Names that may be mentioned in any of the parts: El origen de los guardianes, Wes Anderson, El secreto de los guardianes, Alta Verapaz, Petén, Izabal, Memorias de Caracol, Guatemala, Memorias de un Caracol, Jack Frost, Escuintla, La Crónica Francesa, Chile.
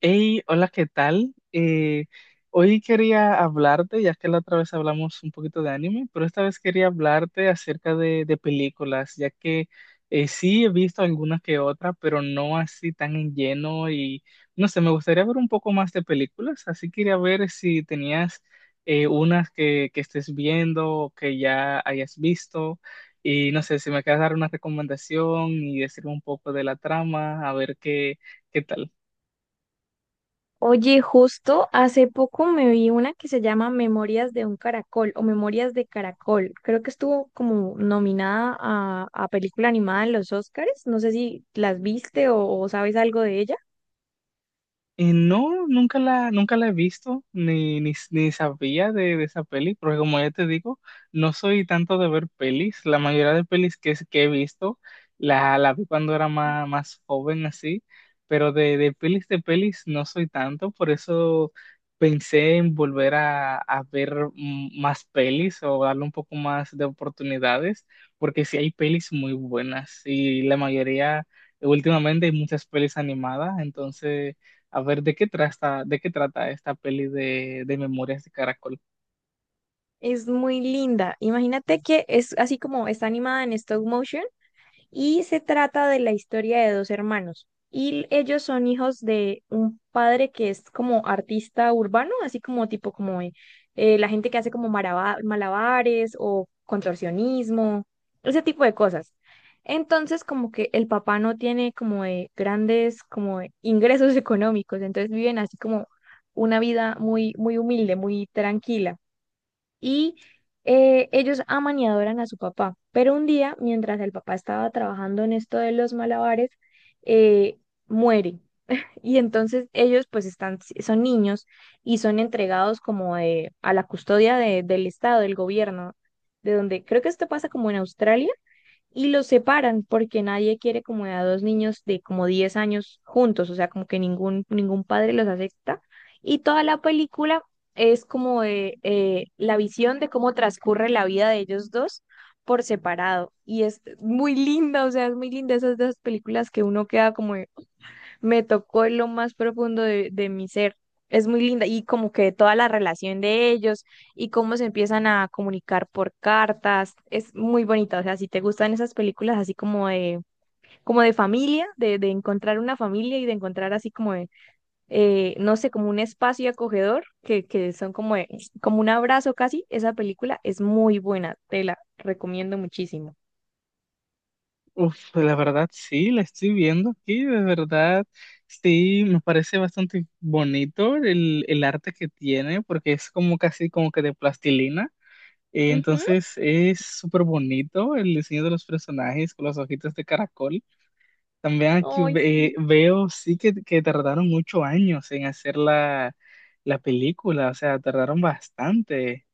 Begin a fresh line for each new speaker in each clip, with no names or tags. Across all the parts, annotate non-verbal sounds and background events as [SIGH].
Hey, hola, ¿qué tal? Hoy quería hablarte, ya que la otra vez hablamos un poquito de anime, pero esta vez quería hablarte acerca de películas, ya que sí he visto algunas que otra, pero no así tan en lleno y no sé, me gustaría ver un poco más de películas, así quería ver si tenías unas que estés viendo o que ya hayas visto y no sé, si me quieres dar una recomendación y decirme un poco de la trama, a ver qué, qué tal.
Oye, justo hace poco me vi una que se llama Memorias de un Caracol o Memorias de Caracol. Creo que estuvo como nominada a película animada en los Oscars. No sé si las viste o sabes algo de ella.
No, nunca la he visto, ni sabía de esa peli, porque como ya te digo, no soy tanto de ver pelis. La mayoría de pelis que he visto, la vi cuando era más joven así, pero de pelis no soy tanto, por eso pensé en volver a ver más pelis o darle un poco más de oportunidades, porque sí hay pelis muy buenas y la mayoría, últimamente hay muchas pelis animadas, entonces... A ver, de qué trata esta peli de Memorias de Caracol?
Es muy linda. Imagínate que es así como está animada en stop motion. Y se trata de la historia de dos hermanos. Y ellos son hijos de un padre que es como artista urbano, así como tipo como la gente que hace como malabares o contorsionismo, ese tipo de cosas. Entonces, como que el papá no tiene como de grandes como de ingresos [LAUGHS] económicos, entonces viven así como una vida muy muy humilde, muy tranquila y ellos aman y adoran a su papá. Pero un día, mientras el papá estaba trabajando en esto de los malabares, eh, muere. Y entonces ellos pues están, son niños y son entregados a la custodia del Estado, del gobierno, de donde creo que esto pasa como en Australia, y los separan porque nadie quiere como a dos niños de como 10 años juntos, o sea, como que ningún padre los acepta. Y toda la película es como de, la visión de cómo transcurre la vida de ellos dos por separado. Y es muy linda, o sea, es muy linda esas dos películas que uno queda como, me tocó en lo más profundo de mi ser. Es muy linda y como que toda la relación de ellos y cómo se empiezan a comunicar por cartas, es muy bonita. O sea, si te gustan esas películas así como de familia, de encontrar una familia y de encontrar así como de, no sé, como un espacio acogedor, que son como, de- como un abrazo casi, esa película es muy buena, te la recomiendo muchísimo.
Uf, pues, la verdad sí, la estoy viendo aquí, de verdad sí, me parece bastante bonito el arte que tiene, porque es como casi como que de plastilina.
Ujú.
Entonces es súper bonito el diseño de los personajes con los ojitos de caracol. También aquí
Ay, sí.
veo sí que tardaron muchos años en hacer la película, o sea, tardaron bastante.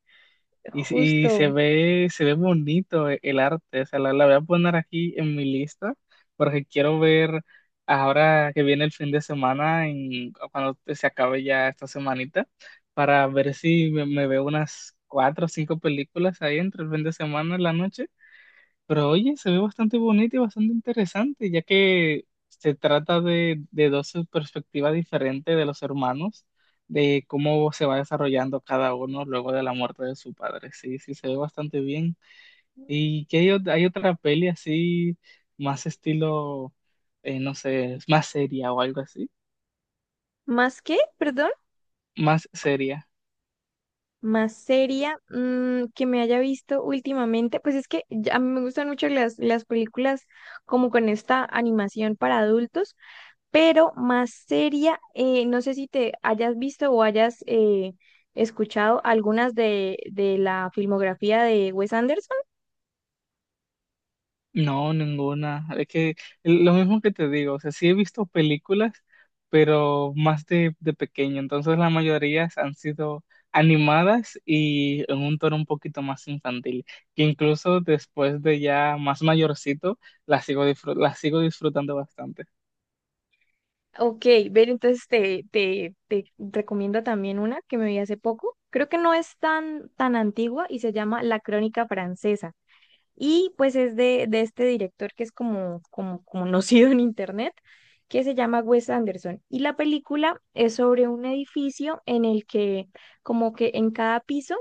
Y,
Justo.
se ve bonito el arte, o sea, la voy a poner aquí en mi lista porque quiero ver ahora que viene el fin de semana, cuando se acabe ya esta semanita, para ver si me veo unas cuatro o cinco películas ahí entre el fin de semana y la noche. Pero oye, se ve bastante bonito y bastante interesante, ya que se trata de dos perspectivas diferentes de los hermanos, de cómo se va desarrollando cada uno luego de la muerte de su padre. Sí, sí, se ve bastante bien. Y que hay, hay otra peli así, más estilo, no sé, más seria o algo así,
¿Más qué? Perdón.
más seria.
Más seria, mm, que me haya visto últimamente, pues es que ya- a mí me gustan mucho las películas como con esta animación para adultos, pero más seria, no sé si te hayas visto o hayas escuchado algunas de la filmografía de Wes Anderson.
No, ninguna. Es que lo mismo que te digo, o sea, sí he visto películas, pero más de pequeño. Entonces la mayoría han sido animadas y en un tono un poquito más infantil, que incluso después de ya más mayorcito, las sigo disfrutando bastante.
Ok, ver, entonces te recomiendo también una que me vi hace poco. Creo que no es tan antigua y se llama La Crónica Francesa. Y pues es de este director que es como [LAUGHS] conocido en internet, que se llama Wes Anderson. Y la película es sobre un edificio en el que como que en cada piso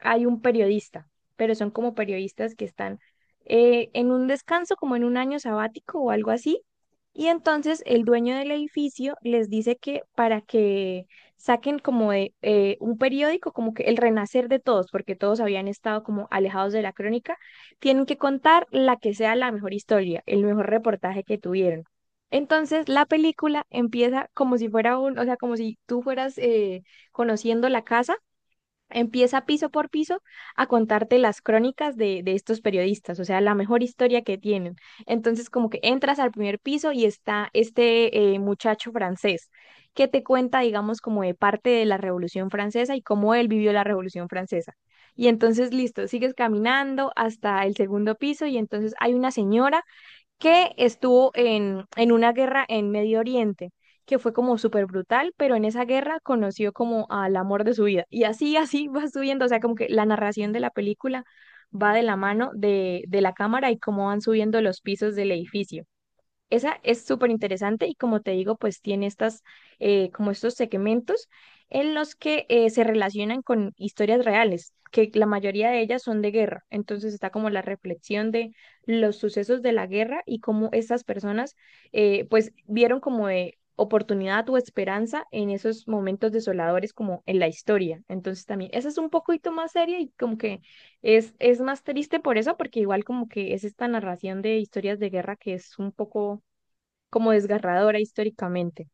hay un periodista, pero son como periodistas que están en un descanso, como en un año sabático o algo así. Y entonces el dueño del edificio les dice que para que saquen como de, un periódico, como que el renacer de todos, porque todos habían estado como alejados de la crónica, tienen que contar la que sea la mejor historia, el mejor reportaje que tuvieron. Entonces, la película empieza como si fuera un, o sea, como si tú fueras conociendo la casa. Empieza piso por piso a contarte las crónicas de estos periodistas, o sea, la mejor historia que tienen. Entonces, como que entras al primer piso y está este muchacho francés que te cuenta, digamos, como de parte de la Revolución Francesa y cómo él vivió la Revolución Francesa. Y entonces, listo, sigues caminando hasta el segundo piso y entonces hay una señora que estuvo en una guerra en Medio Oriente, que fue como súper brutal, pero en esa guerra conoció como al amor de su vida. Y así, así va subiendo, o sea, como que la narración de la película va de la mano de la cámara y cómo van subiendo los pisos del edificio. Esa es súper interesante y como te digo, pues tiene estas, como estos segmentos en los que se relacionan con historias reales, que la mayoría de ellas son de guerra. Entonces está como la reflexión de los sucesos de la guerra y cómo estas personas pues vieron como de oportunidad o esperanza en esos momentos desoladores como en la historia. Entonces también, esa es un poquito más seria y como que es más triste por eso, porque igual como que es esta narración de historias de guerra que es un poco como desgarradora históricamente.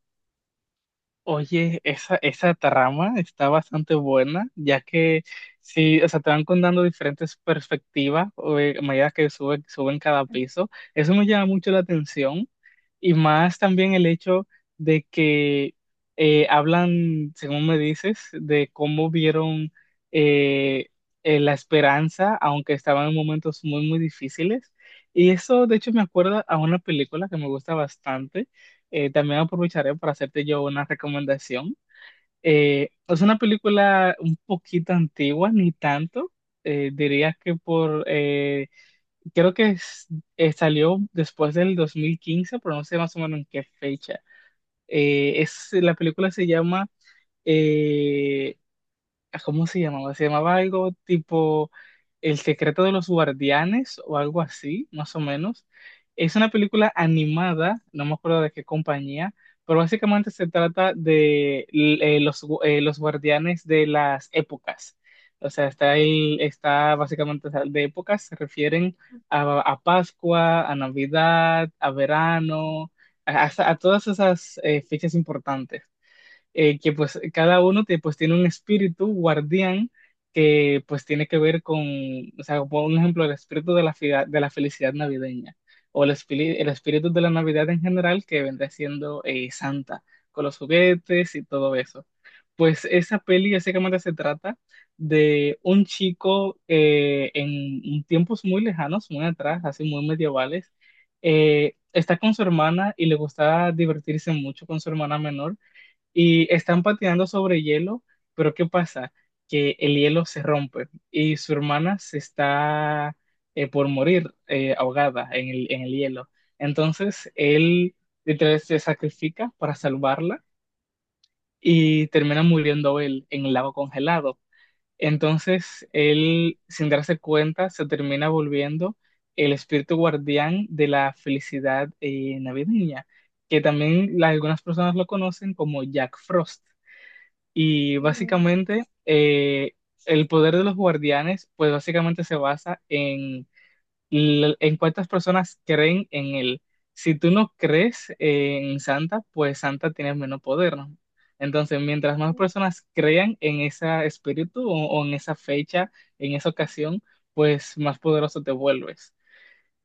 Oye, esa trama está bastante buena, ya que sí, o sea, te van contando diferentes perspectivas o, a medida que sube, suben cada piso. Eso me llama mucho la atención y más también el hecho de que hablan, según me dices, de cómo vieron eh, la esperanza, aunque estaban en momentos muy, muy difíciles. Y eso, de hecho, me acuerda a una película que me gusta bastante. También aprovecharé para hacerte yo una recomendación. Es una película un poquito antigua, ni tanto. Diría que por, creo que salió después del 2015, pero no sé más o menos en qué fecha. La película se llama eh, ¿cómo se llamaba? Se llamaba algo tipo El secreto de los guardianes o algo así, más o menos. Es una película animada, no me acuerdo de qué compañía, pero básicamente se trata de los guardianes de las épocas. O sea, está básicamente, o sea, de épocas, se refieren a Pascua, a Navidad, a verano, a todas esas fechas importantes que pues cada uno te, pues tiene un espíritu guardián que pues tiene que ver con, o sea, por un ejemplo, el espíritu de de la felicidad navideña o el espíritu de la Navidad en general, que vendrá siendo Santa, con los juguetes y todo eso. Pues esa peli básicamente se trata de un chico en tiempos muy lejanos, muy atrás, así muy medievales. Está con su hermana y le gusta divertirse mucho con su hermana menor y están patinando sobre hielo, pero ¿qué pasa? Que el hielo se rompe y su hermana se está por morir ahogada en en el hielo. Entonces él literalmente se sacrifica para salvarla y termina muriendo él en el lago congelado. Entonces él, sin darse cuenta, se termina volviendo el espíritu guardián de la felicidad navideña, que también algunas personas lo conocen como Jack Frost. Y básicamente el poder de los guardianes, pues básicamente se basa en, en cuántas personas creen en él. Si tú no crees en Santa, pues Santa tiene menos poder, ¿no? Entonces, mientras más personas crean en ese espíritu o en esa fecha, en esa ocasión, pues más poderoso te vuelves.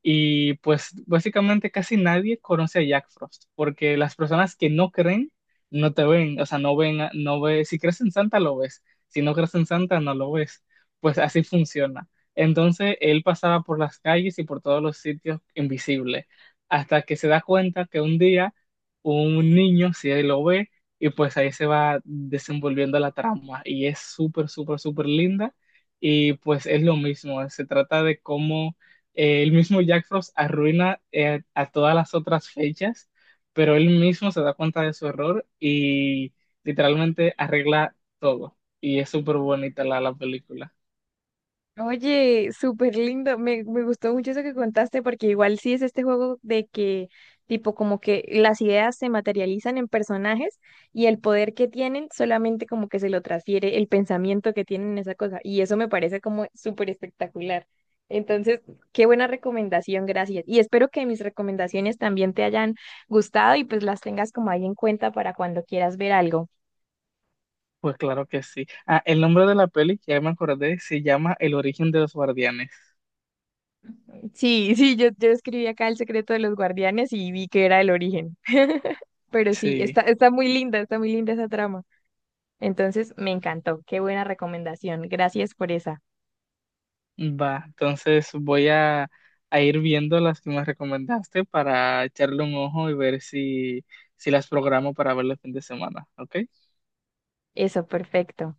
Y pues básicamente casi nadie conoce a Jack Frost, porque las personas que no creen no te ven, o sea, no ven, no ves, si crees en Santa lo ves, si no crees en Santa no lo ves, pues así funciona. Entonces él pasaba por las calles y por todos los sitios invisible, hasta que se da cuenta que un día un niño sí lo ve, y pues ahí se va desenvolviendo la trama y es súper, súper, súper linda. Y pues es lo mismo, se trata de cómo el mismo Jack Frost arruina a todas las otras fechas, pero él mismo se da cuenta de su error y literalmente arregla todo. Y es súper bonita la película.
Oye, súper lindo. Me gustó mucho eso que contaste porque igual sí es este juego de que tipo como que las ideas se materializan en personajes y el poder que tienen solamente como que se lo transfiere el pensamiento que tienen en esa cosa. Y eso me parece como súper espectacular. Entonces, qué buena recomendación, gracias. Y espero que mis recomendaciones también te hayan gustado y pues las tengas como ahí en cuenta para cuando quieras ver algo.
Pues claro que sí. Ah, el nombre de la peli, ya me acordé, se llama El origen de los guardianes.
Sí, sí, yo escribí acá El secreto de los guardianes y vi que era el origen. Pero sí,
Sí,
está, está muy linda esa trama. Entonces, me encantó. Qué buena recomendación. Gracias por esa.
va. Entonces voy a ir viendo las que me recomendaste para echarle un ojo y ver si, si las programo para verlo el fin de semana, ¿ok?
Eso, perfecto.